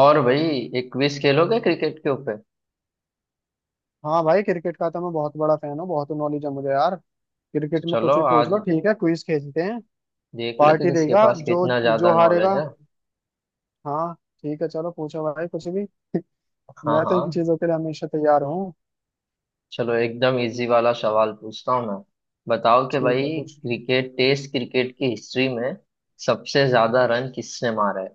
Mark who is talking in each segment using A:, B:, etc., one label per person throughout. A: और भाई एक क्विज खेलोगे क्रिकेट के ऊपर।
B: हाँ भाई, क्रिकेट का तो मैं बहुत बड़ा फैन हूँ। बहुत नॉलेज है मुझे यार।
A: तो
B: क्रिकेट में
A: चलो
B: कुछ भी पूछ लो,
A: आज
B: ठीक है, क्विज खेलते हैं।
A: देख लेते
B: पार्टी
A: हैं किसके
B: देगा
A: पास
B: जो
A: कितना ज्यादा
B: जो हारेगा।
A: नॉलेज है।
B: हाँ, ठीक है चलो, पूछो भाई कुछ भी।
A: हाँ
B: मैं तो
A: हाँ,
B: इन चीजों के लिए हमेशा तैयार हूँ।
A: चलो एकदम इजी वाला सवाल पूछता हूँ मैं। बताओ कि
B: ठीक
A: भाई,
B: है, पूछ।
A: क्रिकेट टेस्ट क्रिकेट की हिस्ट्री में सबसे ज्यादा रन किसने मारा है।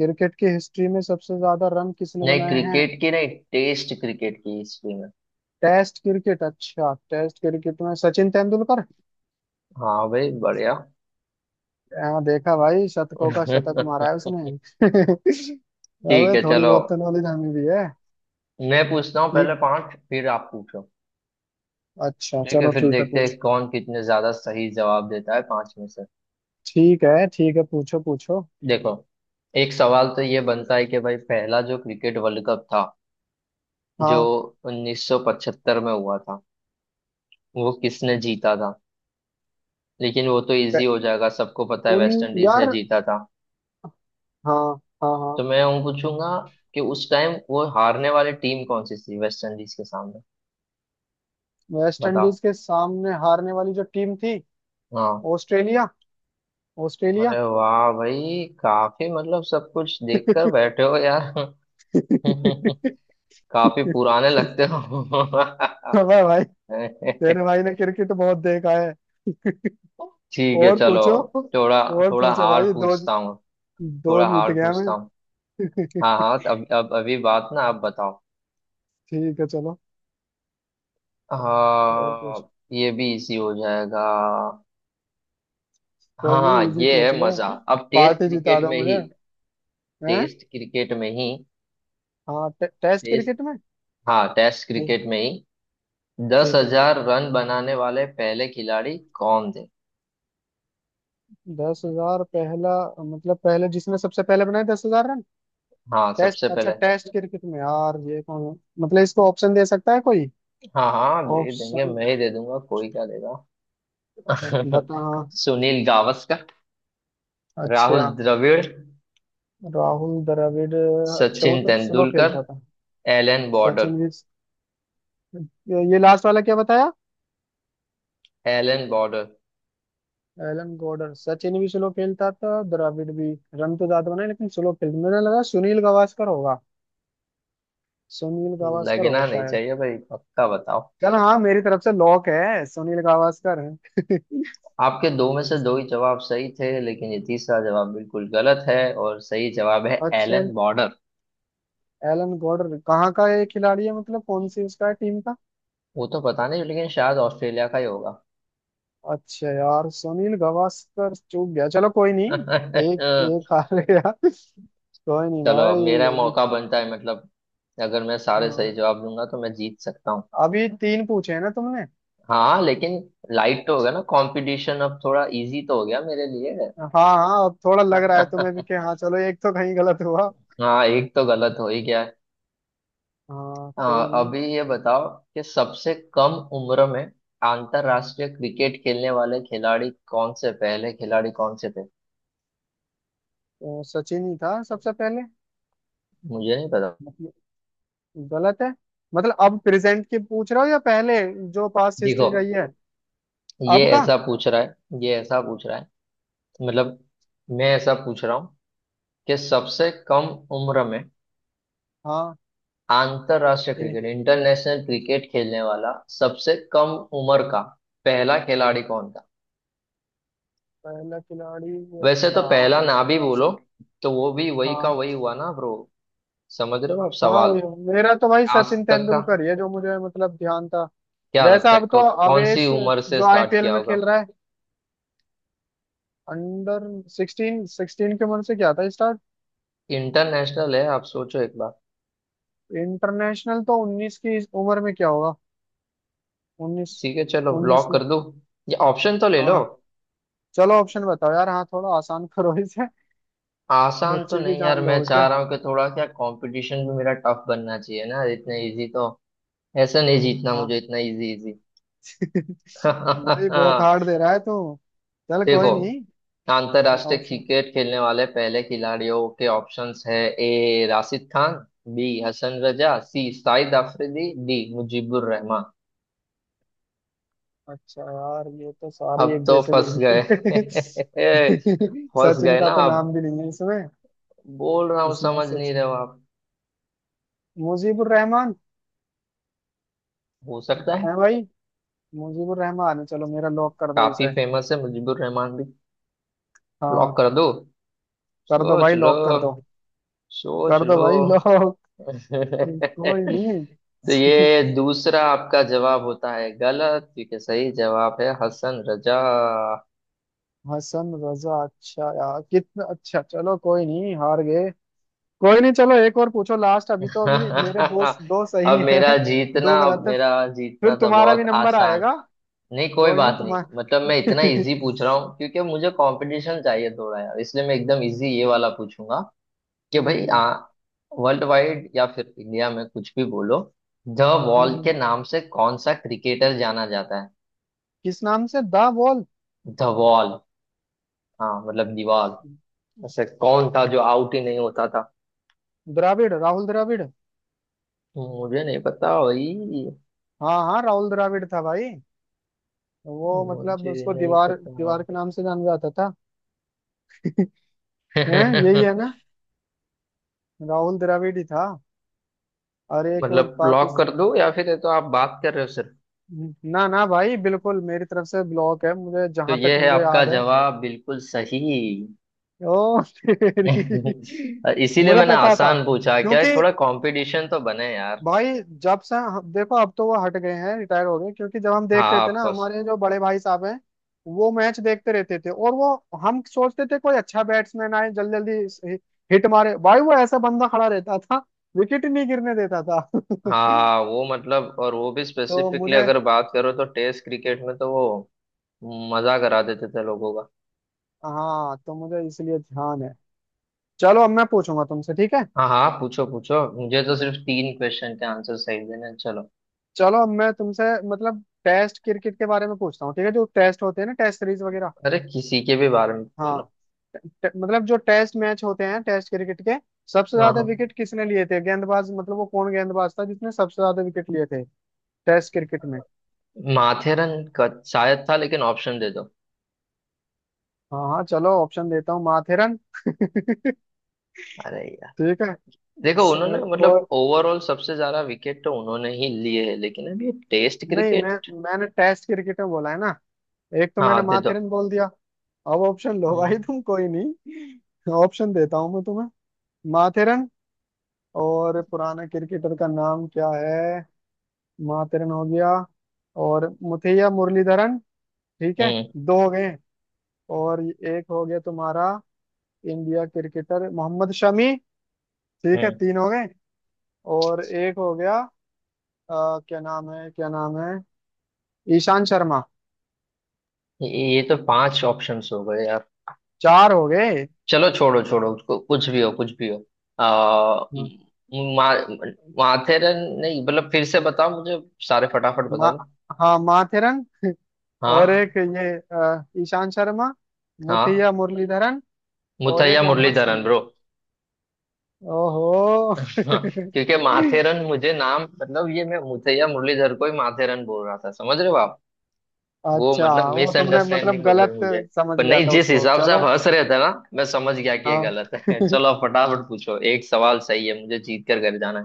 B: क्रिकेट की हिस्ट्री में सबसे ज्यादा रन किसने
A: नहीं,
B: बनाए हैं?
A: क्रिकेट की नहीं, टेस्ट क्रिकेट की हिस्ट्री में।
B: टेस्ट क्रिकेट, अच्छा, टेस्ट क्रिकेट में सचिन तेंदुलकर।
A: हाँ भाई, बढ़िया।
B: हाँ देखा भाई, शतकों का शतक मारा है उसने।
A: ठीक
B: अबे
A: है
B: थोड़ी
A: चलो,
B: बहुत तो नॉलेज हमें भी है।
A: मैं पूछता हूँ पहले
B: ठीक।
A: पांच, फिर आप पूछो।
B: अच्छा
A: ठीक है,
B: चलो
A: फिर
B: ठीक है,
A: देखते
B: पूछ।
A: हैं कौन कितने ज्यादा सही जवाब देता है पांच में से।
B: ठीक है ठीक है, पूछो पूछो।
A: देखो, एक सवाल तो ये बनता है कि भाई, पहला जो क्रिकेट वर्ल्ड कप था, जो
B: हाँ,
A: 1975 में हुआ था, वो किसने जीता था। लेकिन वो तो इजी
B: क-
A: हो जाएगा, सबको पता है वेस्ट
B: उन
A: इंडीज ने
B: यार,
A: जीता था।
B: हाँ, हाँ हाँ।
A: तो मैं हूँ पूछूंगा कि उस टाइम वो हारने वाली टीम कौन सी थी वेस्ट इंडीज के सामने।
B: वेस्ट
A: बताओ।
B: इंडीज के सामने हारने वाली जो टीम थी,
A: हाँ।
B: ऑस्ट्रेलिया। ऑस्ट्रेलिया।
A: अरे वाह भाई, काफी मतलब सब कुछ देखकर बैठे हो यार। काफी पुराने लगते हो।
B: अबे भाई, तेरे भाई ने क्रिकेट बहुत देखा है।
A: ठीक है
B: और
A: चलो,
B: पूछो,
A: थोड़ा,
B: और
A: थोड़ा
B: पूछो
A: हार्ड
B: भाई, दो,
A: पूछता हूँ,
B: दो
A: थोड़ा
B: जीत
A: हार्ड
B: गया मैं।
A: पूछता हूँ। हाँ हाँ, तो अब अभी बात ना, आप बताओ।
B: ठीक है चलो, और पूछ।
A: हाँ, ये भी इजी हो जाएगा। हाँ
B: कोई नहीं,
A: हाँ,
B: इजी
A: ये
B: पूछ
A: है
B: लो।
A: मजा। अब टेस्ट
B: पार्टी जिता
A: क्रिकेट
B: दो
A: में ही
B: मुझे। हैं?
A: टेस्ट क्रिकेट में ही
B: हाँ, टेस्ट
A: टेस्ट,
B: क्रिकेट में।
A: हाँ टेस्ट
B: ठीक।
A: क्रिकेट में ही दस
B: ठीक है।
A: हजार रन बनाने वाले पहले खिलाड़ी कौन थे।
B: 10,000 पहला? मतलब, पहले जिसने सबसे पहले बनाए 10,000 रन?
A: हाँ,
B: टेस्ट,
A: सबसे
B: अच्छा,
A: पहले।
B: टेस्ट क्रिकेट में। यार ये कौन? मतलब इसको ऑप्शन दे सकता है कोई?
A: हाँ हाँ दे देंगे,
B: ऑप्शन
A: मैं ही दे दूंगा, कोई क्या देगा।
B: बता।
A: सुनील गावस्कर, राहुल
B: अच्छा।
A: द्रविड़,
B: राहुल द्रविड़। अच्छा, वो
A: सचिन
B: तो स्लो
A: तेंदुलकर,
B: खेलता था।
A: Allan Border.
B: सचिन भी। ये लास्ट वाला क्या बताया?
A: Allan Border.
B: एलन गॉडर। सचिन भी स्लो खेलता था, द्रविड़ भी। रन तो ज्यादा बनाए, लेकिन स्लो खेलता। मुझे लगा सुनील गावस्कर होगा। सुनील गावस्कर होगा
A: लगना नहीं
B: शायद।
A: चाहिए भाई, पक्का बताओ।
B: चल हाँ, मेरी तरफ से लॉक है, सुनील गावस्कर है।
A: आपके दो में से दो ही जवाब सही थे, लेकिन ये तीसरा जवाब बिल्कुल गलत है, और सही जवाब है
B: अच्छा।
A: Allan Border.
B: एलन गॉडर कहाँ का ये खिलाड़ी है? मतलब कौन सी उसका है टीम का?
A: वो तो पता नहीं, लेकिन शायद ऑस्ट्रेलिया का ही होगा।
B: अच्छा यार, सुनील गावस्कर चूक गया, चलो कोई नहीं। एक एक हार गया। कोई नहीं
A: चलो अब
B: भाई,
A: मेरा
B: अभी।
A: मौका बनता है मतलब, अगर मैं सारे
B: हाँ,
A: सही जवाब दूंगा तो मैं जीत सकता हूँ।
B: अभी तीन पूछे हैं ना तुमने।
A: हाँ लेकिन, लाइट तो हो गया ना कंपटीशन, अब थोड़ा इजी तो हो गया मेरे लिए।
B: हाँ हाँ, अब थोड़ा लग रहा है तुम्हें भी कि हाँ चलो, एक तो कहीं गलत हुआ।
A: हाँ, एक तो गलत हो ही गया।
B: हाँ,
A: हाँ,
B: कोई नहीं।
A: अभी ये बताओ कि सबसे कम उम्र में अंतरराष्ट्रीय क्रिकेट खेलने वाले खिलाड़ी कौन से, पहले खिलाड़ी कौन से थे।
B: तो सचिन ही था सबसे पहले।
A: मुझे नहीं पता।
B: मतलब गलत है? मतलब अब प्रेजेंट की पूछ रहे हो या पहले जो पास्ट हिस्ट्री
A: देखो,
B: रही है?
A: ये
B: अब का?
A: ऐसा पूछ रहा है ये ऐसा पूछ रहा है मतलब, मैं ऐसा पूछ रहा हूँ कि सबसे कम उम्र में
B: हाँ।
A: अंतरराष्ट्रीय
B: ठीक।
A: क्रिकेट, इंटरनेशनल क्रिकेट खेलने वाला सबसे कम उम्र का पहला खिलाड़ी कौन था।
B: पहला खिलाड़ी,
A: वैसे तो
B: अच्छा।
A: पहला ना भी
B: रास-
A: बोलो, तो वो भी वही का वही
B: हाँ।
A: हुआ ना ब्रो, समझ रहे हो आप
B: हाँ
A: सवाल।
B: वही- मेरा तो भाई
A: आज
B: सचिन
A: तक का,
B: तेंदुलकर ही है जो मुझे मतलब ध्यान था।
A: क्या
B: वैसा
A: लगता है
B: अब तो
A: कौन सी
B: आवेश
A: उम्र से
B: जो
A: स्टार्ट
B: आईपीएल
A: किया
B: में
A: होगा।
B: खेल रहा है, अंडर 16, 16 के मन से क्या था स्टार्ट।
A: इंटरनेशनल है, आप सोचो एक बार।
B: इंटरनेशनल तो 19 की, इस उम्र में क्या होगा? 19।
A: ठीक है, चलो
B: 19
A: ब्लॉक
B: में।
A: कर दूं। ये ऑप्शन तो ले लो।
B: हाँ, चलो ऑप्शन बताओ यार, हाँ, थोड़ा आसान करो इसे।
A: आसान तो
B: बच्चे की
A: नहीं यार,
B: जान
A: मैं
B: लोगे
A: चाह
B: क्या?
A: रहा हूँ कि थोड़ा क्या, कंपटीशन भी मेरा टफ बनना चाहिए ना, इतना इजी तो। ऐसा नहीं जीतना
B: हाँ।
A: मुझे इतना इजी, इजी।
B: भाई बहुत हार्ड दे रहा है तू। चल
A: देखो,
B: कोई नहीं।
A: अंतरराष्ट्रीय
B: ऑप्शन।
A: क्रिकेट खेलने वाले पहले खिलाड़ियों के ऑप्शंस है। A Rashid Khan, B Hasan Raza, C Shahid Afridi, D Mujeebur Rahman.
B: अच्छा यार, ये तो सारी
A: अब
B: एक
A: तो
B: जैसे दे
A: फंस गए।
B: दिए।
A: फंस
B: सचिन
A: गए ना
B: का तो
A: आप,
B: नाम भी नहीं है इसमें।
A: बोल रहा हूँ
B: इसमें
A: समझ नहीं
B: सच,
A: रहे हो आप।
B: मुजीबुर रहमान
A: हो सकता है।
B: है भाई। मुजीबुर रहमान है, चलो मेरा लॉक कर दो
A: काफी
B: इसे।
A: फेमस है मुजीबुर रहमान भी। लॉक
B: हाँ,
A: कर दो।
B: कर दो
A: सोच
B: भाई,
A: लो,
B: लॉक कर दो।
A: सोच
B: कर दो
A: लो।
B: भाई, लॉक। कोई नहीं।
A: तो ये दूसरा आपका जवाब होता है गलत, क्योंकि सही जवाब है हसन रजा।
B: हसन रजा, अच्छा यार, कितना अच्छा, चलो कोई नहीं, हार गए। कोई नहीं, चलो एक और पूछो लास्ट। अभी तो अभी मेरे दोस्त दो
A: अब
B: सही हैं,
A: मेरा जीतना
B: दो गलत
A: अब
B: है।
A: मेरा जीतना
B: फिर
A: तो
B: तुम्हारा भी
A: बहुत
B: नंबर
A: आसान।
B: आएगा।
A: नहीं कोई
B: कोई नहीं
A: बात नहीं
B: तुम्हारा।
A: मतलब, मैं इतना
B: हम्म,
A: इजी पूछ रहा हूँ क्योंकि मुझे कंपटीशन चाहिए थोड़ा यार, इसलिए मैं एकदम इजी ये वाला पूछूंगा। कि भाई,
B: हम्म।
A: आ वर्ल्ड वाइड या फिर इंडिया में कुछ भी बोलो, द वॉल
B: हम्म।
A: के नाम से कौन सा क्रिकेटर जाना जाता है।
B: किस नाम से? The wall.
A: The wall. हाँ मतलब, दीवार। ऐसे कौन था जो आउट ही नहीं होता था।
B: द्राविड़, राहुल द्राविड़।
A: मुझे नहीं पता भाई।
B: हाँ हाँ, राहुल द्राविड़ था भाई। वो मतलब
A: मुझे
B: उसको
A: नहीं
B: दीवार
A: पता।
B: दीवार के नाम से जाना जाता था। है। यही है ना? राहुल द्रविड़ ही था। और एक वो
A: मतलब लॉक कर
B: पाकिस्तान।
A: दो, या फिर ये तो आप बात कर रहे हो सिर्फ।
B: ना ना भाई, बिल्कुल मेरी तरफ से ब्लॉक है, मुझे
A: तो
B: जहां तक
A: ये है
B: मुझे
A: आपका
B: याद है।
A: जवाब बिल्कुल सही।
B: ओ तेरी।
A: इसीलिए
B: मुझे
A: मैंने
B: पता था,
A: आसान पूछा, क्या
B: क्योंकि
A: है थोड़ा कंपटीशन तो बने यार।
B: भाई जब से देखो, अब तो वो हट गए हैं, रिटायर हो गए, क्योंकि जब हम
A: हाँ,
B: देखते थे ना,
A: ऑफकोर्स।
B: हमारे जो बड़े भाई साहब हैं, वो मैच देखते रहते थे। और वो, हम सोचते थे कोई अच्छा बैट्समैन आए, जल्दी जल्दी हिट मारे भाई। वो ऐसा बंदा खड़ा रहता था, विकेट नहीं गिरने देता था।
A: हाँ, वो मतलब, और वो भी
B: तो
A: स्पेसिफिकली
B: मुझे,
A: अगर बात करो तो टेस्ट क्रिकेट में तो वो मजा करा देते थे लोगों का।
B: हाँ तो मुझे इसलिए ध्यान है। चलो अब मैं पूछूंगा तुमसे, ठीक है?
A: हाँ हाँ पूछो पूछो, मुझे तो सिर्फ तीन क्वेश्चन के आंसर सही देने हैं। चलो।
B: चलो अब मैं तुमसे मतलब टेस्ट क्रिकेट के बारे में पूछता हूँ, ठीक है, जो टेस्ट होते हैं ना, टेस्ट सीरीज वगैरह।
A: अरे किसी के भी बारे में पूछ लो।
B: हाँ। मतलब जो टेस्ट मैच होते हैं, टेस्ट क्रिकेट के सबसे
A: हाँ
B: ज्यादा
A: हाँ।
B: विकेट किसने लिए थे? गेंदबाज, मतलब वो कौन गेंदबाज था जिसने सबसे ज्यादा विकेट लिए थे टेस्ट क्रिकेट में?
A: माथेरन का शायद था, लेकिन ऑप्शन दे दो।
B: हाँ हाँ, चलो ऑप्शन देता हूँ, माथेरन।
A: अरे यार,
B: ठीक है।
A: देखो उन्होंने
B: स-
A: मतलब
B: और,
A: ओवरऑल सबसे ज्यादा विकेट तो उन्होंने ही लिए है, लेकिन अब ये टेस्ट
B: नहीं, मैं,
A: क्रिकेट।
B: मैंने टेस्ट क्रिकेट में बोला है ना। एक तो मैंने
A: हाँ दे दो।
B: माथेरन बोल दिया। अब ऑप्शन लो
A: हम्म।
B: भाई तुम, कोई नहीं ऑप्शन देता हूँ मैं तुम्हें। माथेरन, और पुराना क्रिकेटर का नाम क्या है? माथेरन हो गया, और मुथैया मुरलीधरन, ठीक है,
A: हम्म।
B: दो हो गए। और एक हो गया तुम्हारा, इंडिया क्रिकेटर मोहम्मद शमी, ठीक है,
A: हम्म।
B: तीन हो गए। और एक हो गया, अ, क्या नाम है, क्या नाम है, ईशान शर्मा,
A: ये तो पांच ऑप्शंस हो गए यार।
B: चार हो गए।
A: चलो छोड़ो छोड़ो उसको, कुछ भी हो कुछ भी हो। आ,
B: हम्म।
A: मा, माथेरन नहीं, मतलब फिर से बताओ मुझे। सारे फटाफट
B: मा,
A: बता दो।
B: हाँ माथेरन। और
A: हाँ
B: एक ये ईशान शर्मा,
A: हाँ।
B: मुथिया मुरलीधरन, और एक
A: मुथैया
B: मोहम्मद
A: मुरलीधरन
B: शमी।
A: ब्रो।
B: ओहो।
A: हाँ। क्योंकि माथेरन मुझे नाम मतलब, ये मैं मुथैया मुरलीधर को ही माथेरन बोल रहा था, समझ रहे हो आप। वो
B: अच्छा,
A: मतलब
B: वो तुमने मतलब
A: मिसअंडरस्टैंडिंग हो गई
B: गलत
A: मुझे।
B: समझ
A: पर
B: लिया
A: नहीं,
B: था
A: जिस
B: उसको,
A: हिसाब से आप
B: चलो।
A: हंस रहे थे ना, मैं समझ गया कि ये
B: हाँ।
A: गलत है। चलो आप फटाफट पूछो, एक सवाल सही है मुझे, जीत कर घर जाना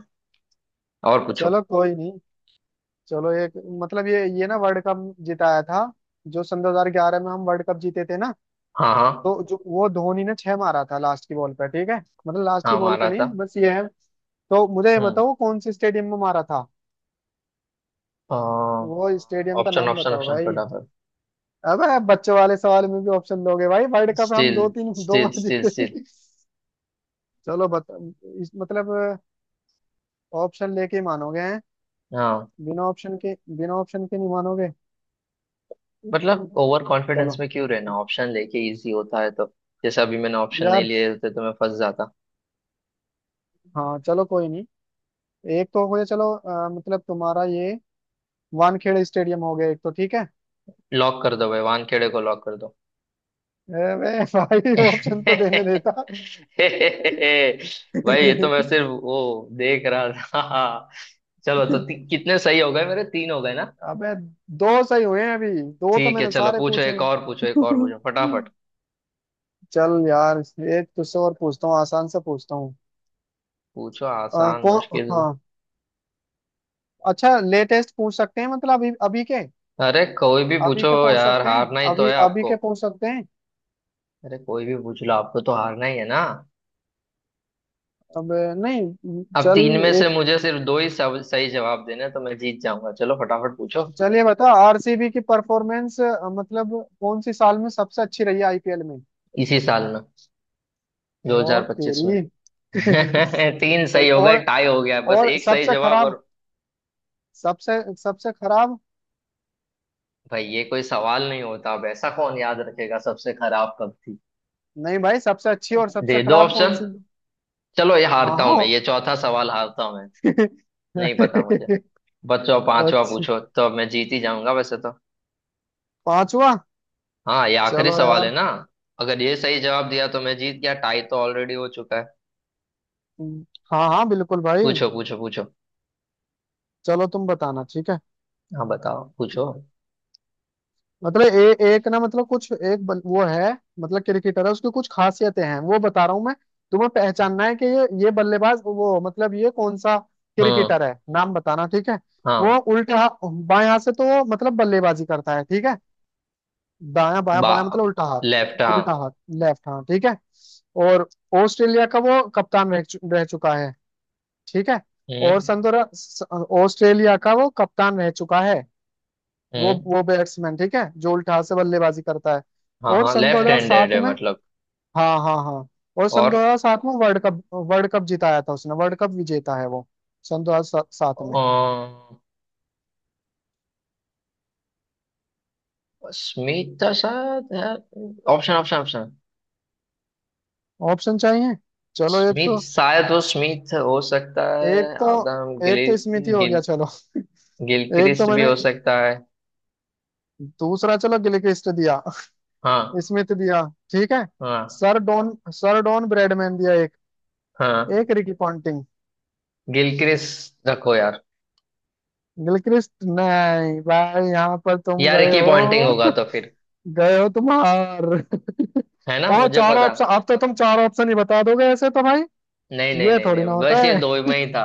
A: है। और पूछो।
B: चलो कोई नहीं, चलो एक। मतलब ये ना वर्ल्ड कप जिताया था, जो सन 2011 में हम वर्ल्ड कप जीते थे ना,
A: हाँ हाँ।
B: तो जो वो धोनी ने छह मारा था लास्ट की बॉल पे, ठीक है, मतलब लास्ट की
A: हाँ,
B: बॉल पे
A: मारा
B: नहीं,
A: था।
B: बस ये है, तो मुझे ये
A: हम्म।
B: बताओ, कौन से स्टेडियम में मारा था? वो स्टेडियम का
A: ऑप्शन
B: नाम
A: ऑप्शन
B: बताओ
A: ऑप्शन
B: भाई।
A: फटाफट।
B: अबे, बच्चों वाले सवाल में भी ऑप्शन दोगे भाई? वर्ल्ड कप हम
A: स्टिल,
B: दो तीन, दो
A: स्टिल,
B: बार
A: स्टिल, स्टिल।
B: जीते। चलो बता, इस मतलब ऑप्शन लेके ही मानोगे? हैं?
A: हाँ
B: बिना ऑप्शन के, बिना ऑप्शन के नहीं मानोगे?
A: मतलब, ओवर कॉन्फिडेंस
B: चलो
A: में क्यों रहना, ऑप्शन लेके इजी होता है तो। जैसे अभी मैंने ऑप्शन नहीं
B: यार।
A: लिए होते तो मैं फंस जाता।
B: हाँ चलो कोई नहीं, एक तो हो गया, चलो मतलब तुम्हारा ये वानखेड़े स्टेडियम हो गया एक तो, ठीक है।
A: लॉक कर दो भाई, वानखेड़े को लॉक कर दो।
B: अबे भाई, ऑप्शन तो देने देता।
A: भाई, ये तो मैं सिर्फ वो देख रहा था। चलो, तो कितने सही हो गए मेरे, तीन हो गए ना।
B: अबे दो सही हुए हैं अभी, दो तो
A: ठीक है
B: मैंने
A: चलो
B: सारे
A: पूछो,
B: पूछे
A: एक और पूछो, एक और
B: हैं।
A: पूछो फटाफट।
B: चल यार, एक तुझसे और पूछता हूँ, आसान से पूछता हूँ।
A: पूछो, आसान
B: कौन,
A: मुश्किल।
B: हाँ, अच्छा लेटेस्ट पूछ सकते हैं, मतलब अभी अभी के।
A: अरे कोई भी
B: अभी
A: पूछो
B: के पूछ
A: यार,
B: सकते हैं?
A: हारना ही तो
B: अभी
A: है
B: अभी
A: आपको।
B: के पूछ सकते हैं?
A: अरे कोई भी पूछ लो, आपको तो हारना ही है ना।
B: अब नहीं,
A: अब
B: चल।
A: तीन में से
B: एक,
A: मुझे सिर्फ दो ही सब सही जवाब देने हैं, तो मैं जीत जाऊंगा। चलो फटाफट पूछो।
B: चलिए बताओ, आरसीबी की परफॉर्मेंस मतलब कौन सी साल में सबसे अच्छी रही है आईपीएल में?
A: इसी साल में,
B: ओ
A: 2025 में।
B: तेरी।
A: तीन
B: सही,
A: सही हो गए,
B: और
A: टाई हो गया, बस
B: और
A: एक सही
B: सबसे
A: जवाब
B: खराब,
A: और।
B: सबसे सबसे खराब।
A: भाई, ये कोई सवाल नहीं होता, अब ऐसा कौन याद रखेगा सबसे खराब कब थी।
B: नहीं भाई, सबसे अच्छी और सबसे
A: दे दो
B: खराब कौन
A: ऑप्शन।
B: सी?
A: चलो, ये
B: हाँ
A: हारता हूं
B: हाँ।
A: मैं, ये चौथा सवाल हारता हूं मैं। नहीं पता मुझे। बच्चों, पांचवा
B: अच्छा,
A: पूछो, तो अब मैं जीत ही जाऊंगा वैसे तो।
B: पांचवा।
A: हाँ, ये आखिरी
B: चलो
A: सवाल है
B: यार।
A: ना। अगर ये सही जवाब दिया तो मैं जीत गया, टाई तो ऑलरेडी हो चुका है।
B: हाँ हाँ, बिल्कुल भाई।
A: पूछो पूछो पूछो।
B: चलो तुम बताना, ठीक है?
A: हाँ, बताओ पूछो।
B: मतलब एक ना, मतलब कुछ एक वो है, मतलब क्रिकेटर है, उसकी कुछ खासियतें हैं वो बता रहा हूँ मैं, तुम्हें पहचानना है कि ये बल्लेबाज, वो मतलब ये कौन सा
A: हम्म।
B: क्रिकेटर है, नाम बताना, ठीक है? वो
A: हाँ।
B: उल्टा बाएं हाथ से तो वो मतलब बल्लेबाजी करता है, ठीक है। दायां, बायां,
A: बा
B: बायां, मतलब उल्टा
A: लेफ्ट,
B: हाथ,
A: हाँ।
B: उल्टा हाथ। लेफ्ट हाथ, ठीक है। और ऑस्ट्रेलिया का वो कप्तान रह चुका है, ठीक है। और
A: हम्म।
B: सन दो हजार- स- ऑस्ट्रेलिया का वो कप्तान रह चुका है।
A: हम्म।
B: वो बैट्समैन ठीक है, जो उल्टा से बल्लेबाजी करता है।
A: हाँ
B: और
A: हाँ,
B: सन
A: लेफ्ट हैंडेड
B: 2007
A: है
B: में,
A: मतलब।
B: हाँ हाँ हाँ, और सन
A: और
B: 2007 में वर्ल्ड कप, वर्ल्ड कप जिताया था उसने, वर्ल्ड कप विजेता है वो सन 2007 में।
A: स्मिथ था शायद यार। Option option option.
B: ऑप्शन चाहिए। चलो एक
A: स्मिथ,
B: तो,
A: शायद वो स्मिथ हो सकता है,
B: एक तो,
A: आदम गिल
B: एक तो स्मिथ ही हो गया
A: गिल
B: चलो। एक तो
A: गिलक्रिस्ट भी
B: मैंने,
A: हो सकता है।
B: दूसरा चलो गिलक्रिस्ट दिया,
A: हाँ
B: स्मिथ दिया, ठीक है।
A: हाँ
B: sir Don, sir Don Bradman दिया एक,
A: हाँ।
B: एक रिकी पॉन्टिंग।
A: गिलक्रिस्ट रखो यार।
B: गिलक्रिस्ट, नहीं भाई, यहाँ पर तुम
A: यार, एक
B: गए
A: ही पॉइंटिंग होगा
B: हो,
A: तो फिर।
B: गए हो तुम हार।
A: है ना,
B: और
A: मुझे
B: चार
A: पता।
B: ऑप्शन, अब तो तुम चार ऑप्शन ही बता दोगे ऐसे तो भाई,
A: नहीं नहीं
B: ये
A: नहीं
B: थोड़ी
A: नहीं,
B: ना होता
A: बस ये दो
B: है।
A: में ही था।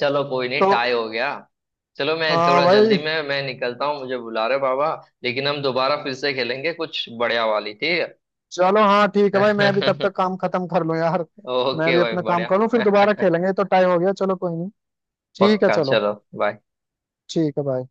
A: चलो कोई नहीं, टाई
B: तो,
A: हो गया। चलो मैं
B: हाँ
A: थोड़ा जल्दी
B: भाई।
A: में, मैं निकलता हूँ, मुझे बुला रहे बाबा। लेकिन हम दोबारा फिर से खेलेंगे कुछ बढ़िया वाली, ठीक
B: चलो हाँ, ठीक है भाई, मैं भी तब
A: है।
B: तक काम खत्म कर लूँ यार। मैं
A: ओके
B: भी
A: भाई,
B: अपना काम
A: बढ़िया।
B: कर लूँ, फिर दोबारा खेलेंगे, ये तो टाइम हो गया, चलो कोई नहीं। ठीक है
A: पक्का,
B: चलो।
A: चलो बाय।
B: ठीक है भाई।